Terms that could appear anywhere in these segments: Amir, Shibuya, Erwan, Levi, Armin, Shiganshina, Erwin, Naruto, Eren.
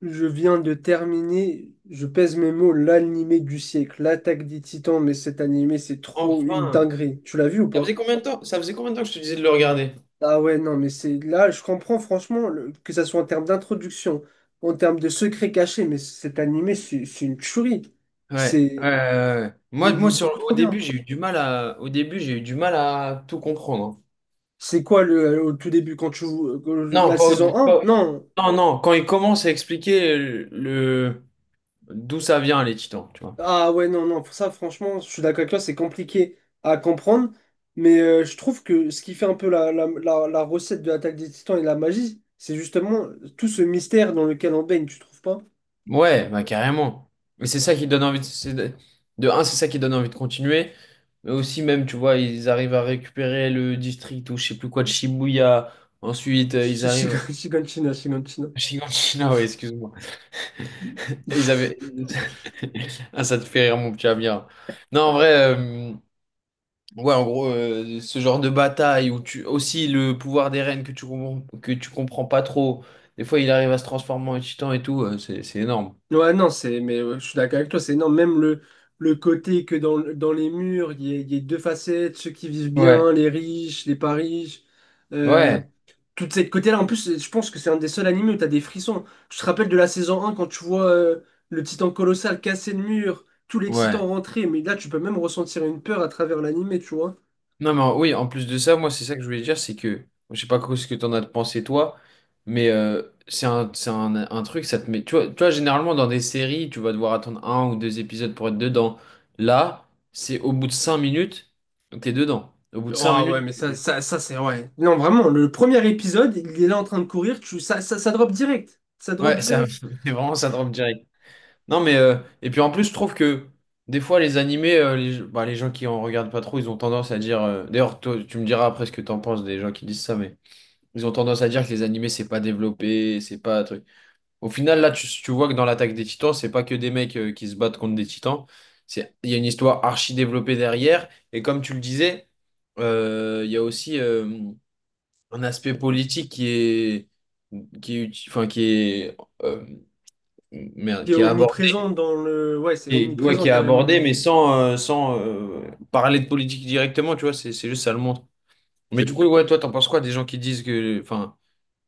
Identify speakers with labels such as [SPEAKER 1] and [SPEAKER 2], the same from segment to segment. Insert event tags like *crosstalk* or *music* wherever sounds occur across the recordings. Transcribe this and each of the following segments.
[SPEAKER 1] Je viens de terminer, je pèse mes mots, l'animé du siècle, l'attaque des Titans, mais cet animé, c'est trop une
[SPEAKER 2] Enfin,
[SPEAKER 1] dinguerie. Tu l'as vu ou
[SPEAKER 2] ça
[SPEAKER 1] pas?
[SPEAKER 2] faisait combien de temps? Ça faisait combien de temps que je te disais de le regarder?
[SPEAKER 1] Ah ouais, non, mais c'est là, je comprends franchement que ça soit en termes d'introduction, en termes de secrets cachés, mais cet animé, c'est une tuerie.
[SPEAKER 2] Ouais, ouais,
[SPEAKER 1] C'est,
[SPEAKER 2] ouais, ouais.
[SPEAKER 1] il est
[SPEAKER 2] Moi,
[SPEAKER 1] il
[SPEAKER 2] moi
[SPEAKER 1] est beaucoup trop bien.
[SPEAKER 2] au début, j'ai eu du mal à tout comprendre, hein.
[SPEAKER 1] C'est quoi le, au tout début quand tu vois
[SPEAKER 2] Non,
[SPEAKER 1] la
[SPEAKER 2] pas au,
[SPEAKER 1] saison un.
[SPEAKER 2] pas-
[SPEAKER 1] Non.
[SPEAKER 2] non, non, quand il commence à expliquer d'où ça vient, les titans, tu vois.
[SPEAKER 1] Ah ouais, non, non, ça franchement, je suis d'accord avec toi, c'est compliqué à comprendre, mais je trouve que ce qui fait un peu la recette de l'attaque des Titans et la magie, c'est justement tout ce mystère dans lequel on baigne, tu trouves pas?
[SPEAKER 2] Ouais, bah carrément. Mais c'est ça qui donne envie de continuer. Mais aussi même, tu vois, ils arrivent à récupérer le district ou je sais plus quoi de Shibuya. Ensuite, ils arrivent
[SPEAKER 1] Shiganshina, Shiganshina.
[SPEAKER 2] à Shiganshina, *laughs* ouais, excuse-moi. Ils avaient.
[SPEAKER 1] *laughs*
[SPEAKER 2] *laughs* Ah, ça te fait rire, mon petit Amir. Non, en vrai, ouais, en gros, ce genre de bataille où tu. Aussi, le pouvoir des reines que tu comprends, pas trop. Des fois, il arrive à se transformer en titan et tout. C'est énorme.
[SPEAKER 1] Ouais, non, c'est, mais je suis d'accord avec toi, c'est non, même le côté que dans les murs, il y a deux facettes, ceux qui vivent
[SPEAKER 2] Ouais,
[SPEAKER 1] bien, les riches, les pas riches. euh,
[SPEAKER 2] ouais,
[SPEAKER 1] Toute cette côté-là. En plus, je pense que c'est un des seuls animés où t'as des frissons. Tu te rappelles de la saison un quand tu vois le titan colossal casser le mur, tous les titans
[SPEAKER 2] ouais.
[SPEAKER 1] rentrer, mais là, tu peux même ressentir une peur à travers l'animé, tu vois.
[SPEAKER 2] Non, mais oui, en plus de ça, moi, c'est ça que je voulais dire, c'est que, je sais pas quoi ce que t'en as pensé, toi, mais c'est un truc, ça te met. Tu vois, généralement, dans des séries, tu vas devoir attendre un ou deux épisodes pour être dedans. Là, c'est au bout de 5 minutes, t'es dedans. Au bout de cinq
[SPEAKER 1] Ah ouais,
[SPEAKER 2] minutes,
[SPEAKER 1] mais ça c'est ouais. Non, vraiment, le premier épisode, il est là en train de courir, tu, ça drop direct. Ça drop
[SPEAKER 2] ouais, ça,
[SPEAKER 1] direct.
[SPEAKER 2] *laughs* c'est vraiment, ça drop direct. Non, mais. Et puis, en plus, je trouve que, des fois, les animés, bah, les gens qui en regardent pas trop, ils ont tendance à dire. D'ailleurs, toi, tu me diras après ce que t'en penses des gens qui disent ça, mais. Ils ont tendance à dire que les animés, c'est pas développé, c'est pas un truc. Au final, là, tu vois que dans l'attaque des Titans, c'est pas que des mecs qui se battent contre des Titans. C'est, il y a une histoire archi développée derrière. Et comme tu le disais, il y a aussi un aspect politique qui est, uti- enfin, qui est, euh, merde,
[SPEAKER 1] Qui est
[SPEAKER 2] qui est abordé,
[SPEAKER 1] omniprésent dans le. Ouais, c'est
[SPEAKER 2] ouais,
[SPEAKER 1] omniprésent
[SPEAKER 2] qui est
[SPEAKER 1] carrément
[SPEAKER 2] abordé,
[SPEAKER 1] même.
[SPEAKER 2] mais sans parler de politique directement, tu vois, c'est juste ça le montre. Mais du coup, ouais, toi, t'en penses quoi des gens qui disent que, enfin,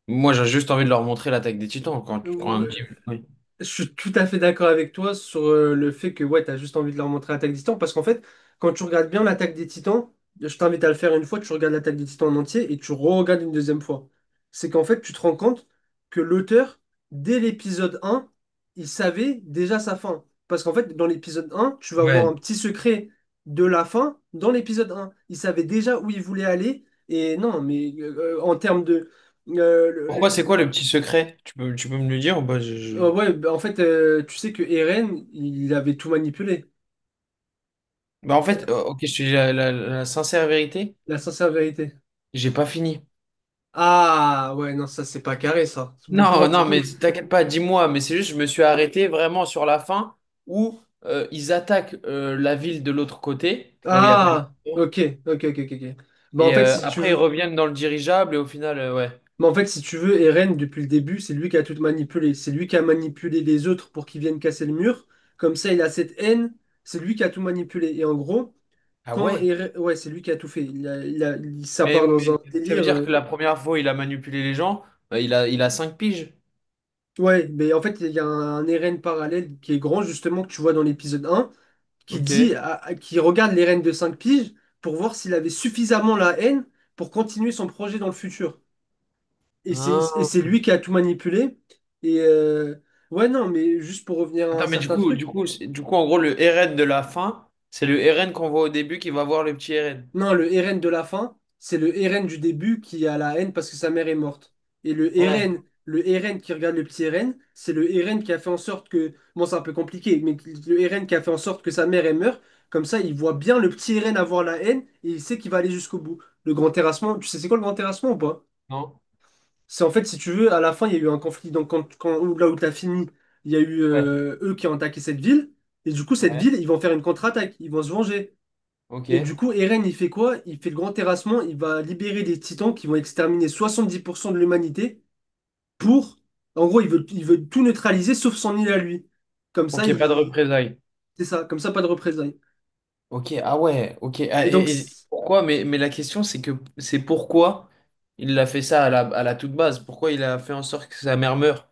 [SPEAKER 2] moi, j'ai juste envie de leur montrer l'attaque des Titans quand un petit. Oui.
[SPEAKER 1] Je suis tout à fait d'accord avec toi sur le fait que ouais, t'as juste envie de leur montrer l'attaque des Titans parce qu'en fait, quand tu regardes bien l'attaque des Titans, je t'invite à le faire une fois, tu regardes l'attaque des Titans en entier et tu re-regardes une deuxième fois. C'est qu'en fait, tu te rends compte que l'auteur, dès l'épisode un, il savait déjà sa fin. Parce qu'en fait, dans l'épisode un, tu vas voir
[SPEAKER 2] Ouais.
[SPEAKER 1] un petit secret de la fin dans l'épisode un. Il savait déjà où il voulait aller et non, mais en termes de. euh, le-
[SPEAKER 2] Pourquoi, c'est quoi
[SPEAKER 1] le-
[SPEAKER 2] le petit secret? Tu peux me le dire, ou pas?
[SPEAKER 1] ouais, bah, en fait, tu sais que Eren, il avait tout manipulé.
[SPEAKER 2] Bah, en
[SPEAKER 1] Euh,
[SPEAKER 2] fait, ok, je te dis la sincère vérité,
[SPEAKER 1] La sincère vérité.
[SPEAKER 2] j'ai pas fini.
[SPEAKER 1] Ah, ouais, non, ça, c'est pas carré, ça. Pour
[SPEAKER 2] Non,
[SPEAKER 1] un
[SPEAKER 2] non, mais
[SPEAKER 1] peu-
[SPEAKER 2] t'inquiète pas, dis-moi, mais c'est juste, je me suis arrêté vraiment sur la fin où ils attaquent la ville de l'autre côté, là où il n'y a pas les
[SPEAKER 1] Ah,
[SPEAKER 2] Titans,
[SPEAKER 1] ok, ok, ok, ok. Ok. Bah, en
[SPEAKER 2] et
[SPEAKER 1] fait, si tu
[SPEAKER 2] après ils
[SPEAKER 1] veux...
[SPEAKER 2] reviennent dans le dirigeable et au final, ouais.
[SPEAKER 1] Bah, en fait, si tu veux, Eren, depuis le début, c'est lui qui a tout manipulé. C'est lui qui a manipulé les autres pour qu'ils viennent casser le mur. Comme ça, il a cette haine. C'est lui qui a tout manipulé. Et en gros,
[SPEAKER 2] Ah
[SPEAKER 1] quand
[SPEAKER 2] ouais?
[SPEAKER 1] Eren... Ouais, c'est lui qui a tout fait. Ça
[SPEAKER 2] Mais,
[SPEAKER 1] part
[SPEAKER 2] mais
[SPEAKER 1] dans un
[SPEAKER 2] ça veut
[SPEAKER 1] délire...
[SPEAKER 2] dire que la première fois, il a manipulé les gens, bah, il a 5 piges.
[SPEAKER 1] Ouais, mais en fait, il y a un RN parallèle qui est grand, justement, que tu vois dans l'épisode un, qui dit,
[SPEAKER 2] Ok.
[SPEAKER 1] qui regarde les reines de 5 piges pour voir s'il avait suffisamment la haine pour continuer son projet dans le futur. Et c'est, et
[SPEAKER 2] Ah.
[SPEAKER 1] c'est lui qui a tout manipulé. Et ouais, non, mais juste pour revenir à un
[SPEAKER 2] Attends, mais du
[SPEAKER 1] certain
[SPEAKER 2] coup, du
[SPEAKER 1] truc,
[SPEAKER 2] coup, c'est- du coup, en gros, le RN de la fin, c'est le RN qu'on voit au début qui va voir le petit RN.
[SPEAKER 1] non, le Eren de la fin, c'est le Eren du début qui a la haine parce que sa mère est morte. Et
[SPEAKER 2] Ouais,
[SPEAKER 1] Le Eren qui regarde le petit Eren, c'est le Eren qui a fait en sorte que... Bon, c'est un peu compliqué, mais le Eren qui a fait en sorte que sa mère elle meurt. Comme ça, il voit bien le petit Eren avoir la haine et il sait qu'il va aller jusqu'au bout. Le grand terrassement, tu sais c'est quoi le grand terrassement ou pas?
[SPEAKER 2] non?
[SPEAKER 1] C'est en fait, si tu veux, à la fin, il y a eu un conflit. Donc, là où t'as fini, il y a eu
[SPEAKER 2] Ouais,
[SPEAKER 1] eux qui ont attaqué cette ville. Et du coup, cette
[SPEAKER 2] ouais.
[SPEAKER 1] ville, ils vont faire une contre-attaque. Ils vont se venger. Et
[SPEAKER 2] Ok.
[SPEAKER 1] du coup, Eren, il fait quoi? Il fait le grand terrassement, il va libérer des titans qui vont exterminer 70% de l'humanité pour... En gros, il veut tout neutraliser sauf son île à lui. Comme ça,
[SPEAKER 2] Ok, pas de
[SPEAKER 1] il...
[SPEAKER 2] représailles.
[SPEAKER 1] C'est ça, comme ça, pas de représailles.
[SPEAKER 2] Ok, ah ouais, ok.
[SPEAKER 1] Et
[SPEAKER 2] Ah,
[SPEAKER 1] donc,
[SPEAKER 2] et
[SPEAKER 1] c'est-
[SPEAKER 2] pourquoi? Mais la question, c'est que c'est pourquoi il a fait ça à la toute base? Pourquoi il a fait en sorte que sa mère meure?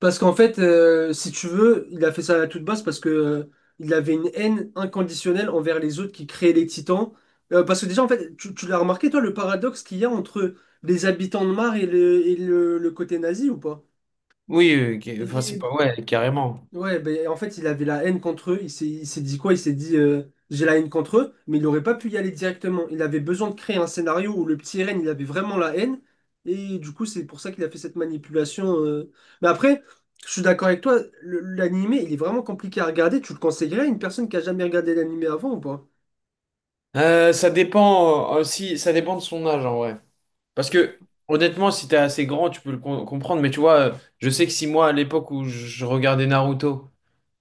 [SPEAKER 1] parce qu'en fait, si tu veux, il a fait ça à toute base parce que il avait une haine inconditionnelle envers les autres qui créaient les titans. Parce que déjà, en fait, tu l'as remarqué, toi, le paradoxe qu'il y a entre les habitants de Mars et le côté nazi ou pas?
[SPEAKER 2] Oui, ok, enfin, c'est pas, ouais, carrément.
[SPEAKER 1] Ouais, ben, en fait, il avait la haine contre eux. Il s'est dit quoi? Il s'est dit j'ai la haine contre eux, mais il n'aurait pas pu y aller directement. Il avait besoin de créer un scénario où le petit Ren, il avait vraiment la haine. Et du coup, c'est pour ça qu'il a fait cette manipulation. Mais après, je suis d'accord avec toi, l'animé, il est vraiment compliqué à regarder. Tu le conseillerais à une personne qui a jamais regardé l'animé avant ou pas?
[SPEAKER 2] Ça dépend aussi, ça dépend de son âge en vrai. Parce que honnêtement, si t'es assez grand, tu peux le comprendre. Mais tu vois, je sais que si moi, à l'époque où je regardais Naruto,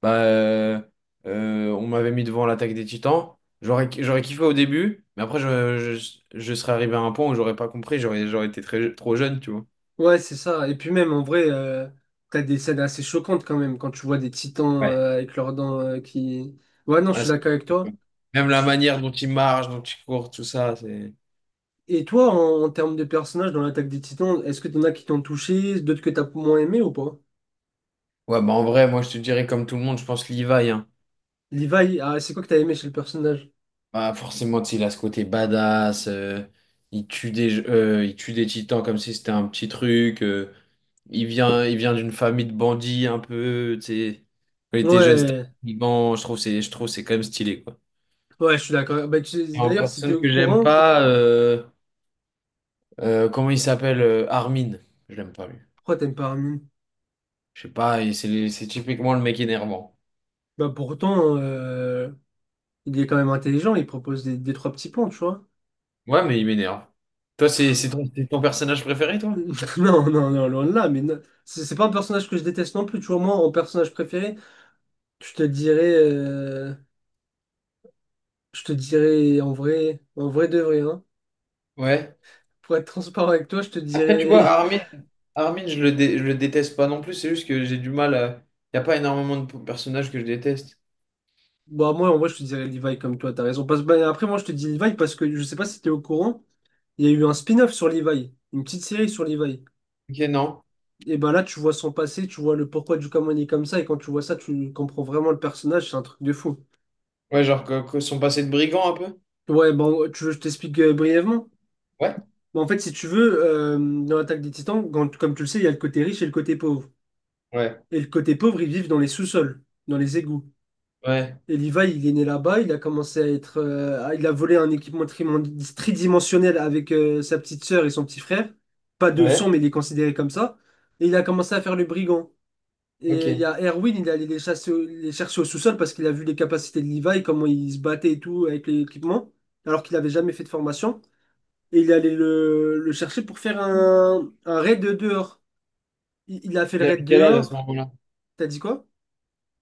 [SPEAKER 2] bah, on m'avait mis devant l'attaque des Titans, j'aurais kiffé au début, mais après, je serais arrivé à un point où j'aurais pas compris, j'aurais été trop jeune, tu vois.
[SPEAKER 1] Ouais, c'est ça. Et puis même, en vrai, t'as des scènes assez choquantes quand même, quand tu vois des titans
[SPEAKER 2] Ouais.
[SPEAKER 1] avec leurs dents qui... Ouais, non, je
[SPEAKER 2] Ah,
[SPEAKER 1] suis d'accord avec toi.
[SPEAKER 2] même la manière dont il marche, dont il court, tout ça, c'est.
[SPEAKER 1] Et toi, en termes de personnages dans l'attaque des Titans, est-ce que t'en as qui t'ont touché, d'autres que t'as moins aimé ou pas?
[SPEAKER 2] Ouais, bah en vrai, moi, je te dirais comme tout le monde, je pense Levi, hein.
[SPEAKER 1] Levi, ah, c'est quoi que t'as aimé chez le personnage?
[SPEAKER 2] Bah, forcément, tu sais, il a ce côté badass, il tue des titans comme si c'était un petit truc, il vient d'une famille de bandits un peu, tu sais. Quand il était jeune, c'était
[SPEAKER 1] Ouais,
[SPEAKER 2] un Liban, je trouve c'est quand même stylé, quoi.
[SPEAKER 1] ouais, je suis d'accord. Bah,
[SPEAKER 2] Et en
[SPEAKER 1] d'ailleurs, si t'es
[SPEAKER 2] personne
[SPEAKER 1] au
[SPEAKER 2] que j'aime
[SPEAKER 1] courant,
[SPEAKER 2] pas, comment il s'appelle, Armin, je l'aime pas lui.
[SPEAKER 1] pourquoi t'aimes pas Armin?
[SPEAKER 2] Je sais pas, c'est typiquement le mec énervant.
[SPEAKER 1] Bah pourtant, il est quand même intelligent, il propose des trois petits plans, tu vois.
[SPEAKER 2] Ouais, mais il m'énerve. Toi, c'est ton personnage préféré, toi?
[SPEAKER 1] *laughs* Non, non, non, loin de là, mais non. C'est pas un personnage que je déteste non plus, tu vois. Moi, en personnage préféré, je te dirais, euh, je te dirais en vrai de vrai, hein.
[SPEAKER 2] Ouais.
[SPEAKER 1] Pour être transparent avec toi, je te
[SPEAKER 2] Après, tu vois,
[SPEAKER 1] dirais
[SPEAKER 2] Armin, je le déteste pas non plus, c'est juste que j'ai du mal à. Il a pas énormément de personnages que je déteste.
[SPEAKER 1] bah, moi, en vrai, je te dirais Levi comme toi, t'as raison. Parce, bah, après, moi, je te dis Levi parce que je sais pas si t'es au courant, il y a eu un spin-off sur Levi, une petite série sur Levi.
[SPEAKER 2] Ok, non.
[SPEAKER 1] Et bah là, tu vois son passé, tu vois le pourquoi du comment il est comme ça, et quand tu vois ça, tu comprends vraiment le personnage, c'est un truc de fou.
[SPEAKER 2] Ouais, genre que son passé de brigand un peu?
[SPEAKER 1] Ouais, bon, tu veux, que je t'explique brièvement.
[SPEAKER 2] Ouais,
[SPEAKER 1] Bah, en fait, si tu veux, dans l'Attaque des Titans, comme tu le sais, il y a le côté riche et le côté pauvre.
[SPEAKER 2] ouais,
[SPEAKER 1] Et le côté pauvre, ils vivent dans les sous-sols, dans les égouts.
[SPEAKER 2] ouais,
[SPEAKER 1] Et Levi, il est né là-bas, il a commencé à être. Il a volé un équipement tridimensionnel avec sa petite sœur et son petit frère. Pas de sang,
[SPEAKER 2] ouais.
[SPEAKER 1] mais il est considéré comme ça. Et il a commencé à faire le brigand. Et il
[SPEAKER 2] Ok.
[SPEAKER 1] y a Erwin, il est allé les chasser les chercher au sous-sol parce qu'il a vu les capacités de Levi, comment il se battait et tout avec l'équipement, alors qu'il n'avait jamais fait de formation. Et il est allé le chercher pour faire un, raid dehors. Il a fait le
[SPEAKER 2] Il avait
[SPEAKER 1] raid
[SPEAKER 2] quel âge à ce
[SPEAKER 1] dehors.
[SPEAKER 2] moment-là?
[SPEAKER 1] T'as dit quoi?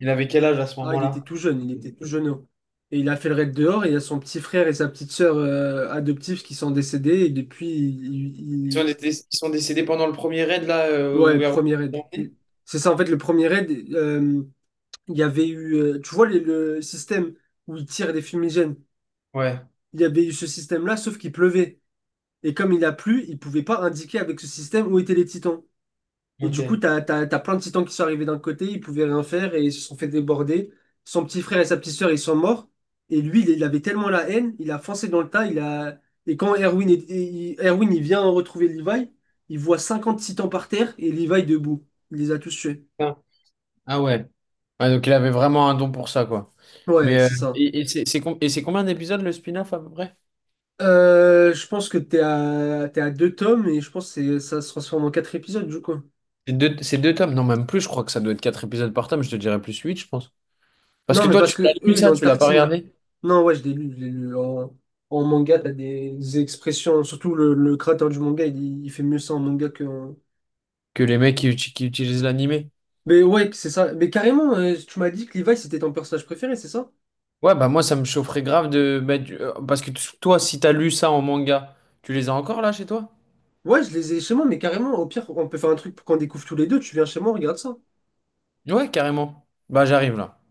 [SPEAKER 2] Il avait quel âge à ce
[SPEAKER 1] Ah, il était
[SPEAKER 2] moment-là?
[SPEAKER 1] tout jeune, il était tout jeune. Et il a fait le raid dehors, et il y a son petit frère et sa petite sœur adoptifs qui sont décédés, et depuis,
[SPEAKER 2] Ils sont décédés pendant le premier raid, là,
[SPEAKER 1] ouais,
[SPEAKER 2] où Erwan
[SPEAKER 1] premier
[SPEAKER 2] est
[SPEAKER 1] raid.
[SPEAKER 2] emmené.
[SPEAKER 1] C'est ça, en fait, le premier raid, il y avait eu, tu vois, le système où il tire des fumigènes,
[SPEAKER 2] Ouais,
[SPEAKER 1] il y avait eu ce système-là, sauf qu'il pleuvait. Et comme il a plu, il pouvait pas indiquer avec ce système où étaient les titans. Et du coup,
[SPEAKER 2] ok.
[SPEAKER 1] t'as plein de titans qui sont arrivés d'un côté, ils pouvaient rien faire et ils se sont fait déborder. Son petit frère et sa petite sœur, ils sont morts. Et lui, il avait tellement la haine, il a foncé dans le tas. Il a... Et quand Erwin, Erwin il vient retrouver Levi, il voit 50 titans par terre et Levi debout. Il les a tous tués.
[SPEAKER 2] Putain. Ah ouais. Ouais, donc il avait vraiment un don pour ça, quoi.
[SPEAKER 1] Ouais,
[SPEAKER 2] Mais
[SPEAKER 1] c'est ça.
[SPEAKER 2] et c'est c'est combien d'épisodes le spin-off à peu près?
[SPEAKER 1] Je pense que t'es à 2 tomes et je pense que ça se transforme en 4 épisodes, du coup.
[SPEAKER 2] C'est deux tomes, non, même plus, je crois que ça doit être quatre épisodes par tome, je te dirais plus huit, je pense. Parce
[SPEAKER 1] Non,
[SPEAKER 2] que
[SPEAKER 1] mais
[SPEAKER 2] toi,
[SPEAKER 1] parce
[SPEAKER 2] tu l'as
[SPEAKER 1] que
[SPEAKER 2] lu
[SPEAKER 1] eux, ils
[SPEAKER 2] ça,
[SPEAKER 1] ont
[SPEAKER 2] tu l'as pas
[SPEAKER 1] tartiné.
[SPEAKER 2] regardé?
[SPEAKER 1] Non, ouais, je l'ai lu, je l'ai lu. En manga, t'as des expressions. Surtout le créateur du manga, il fait mieux ça en manga que.
[SPEAKER 2] Que les mecs qui utilisent l'animé.
[SPEAKER 1] Mais ouais, c'est ça. Mais carrément, tu m'as dit que Levi, c'était ton personnage préféré, c'est ça?
[SPEAKER 2] Ouais, bah moi, ça me chaufferait grave de mettre. Parce que toi, si t'as lu ça en manga, tu les as encore là chez toi?
[SPEAKER 1] Ouais, je les ai chez moi, mais carrément, au pire, on peut faire un truc pour qu'on découvre tous les deux. Tu viens chez moi, on regarde ça.
[SPEAKER 2] Ouais, carrément. Bah, j'arrive là.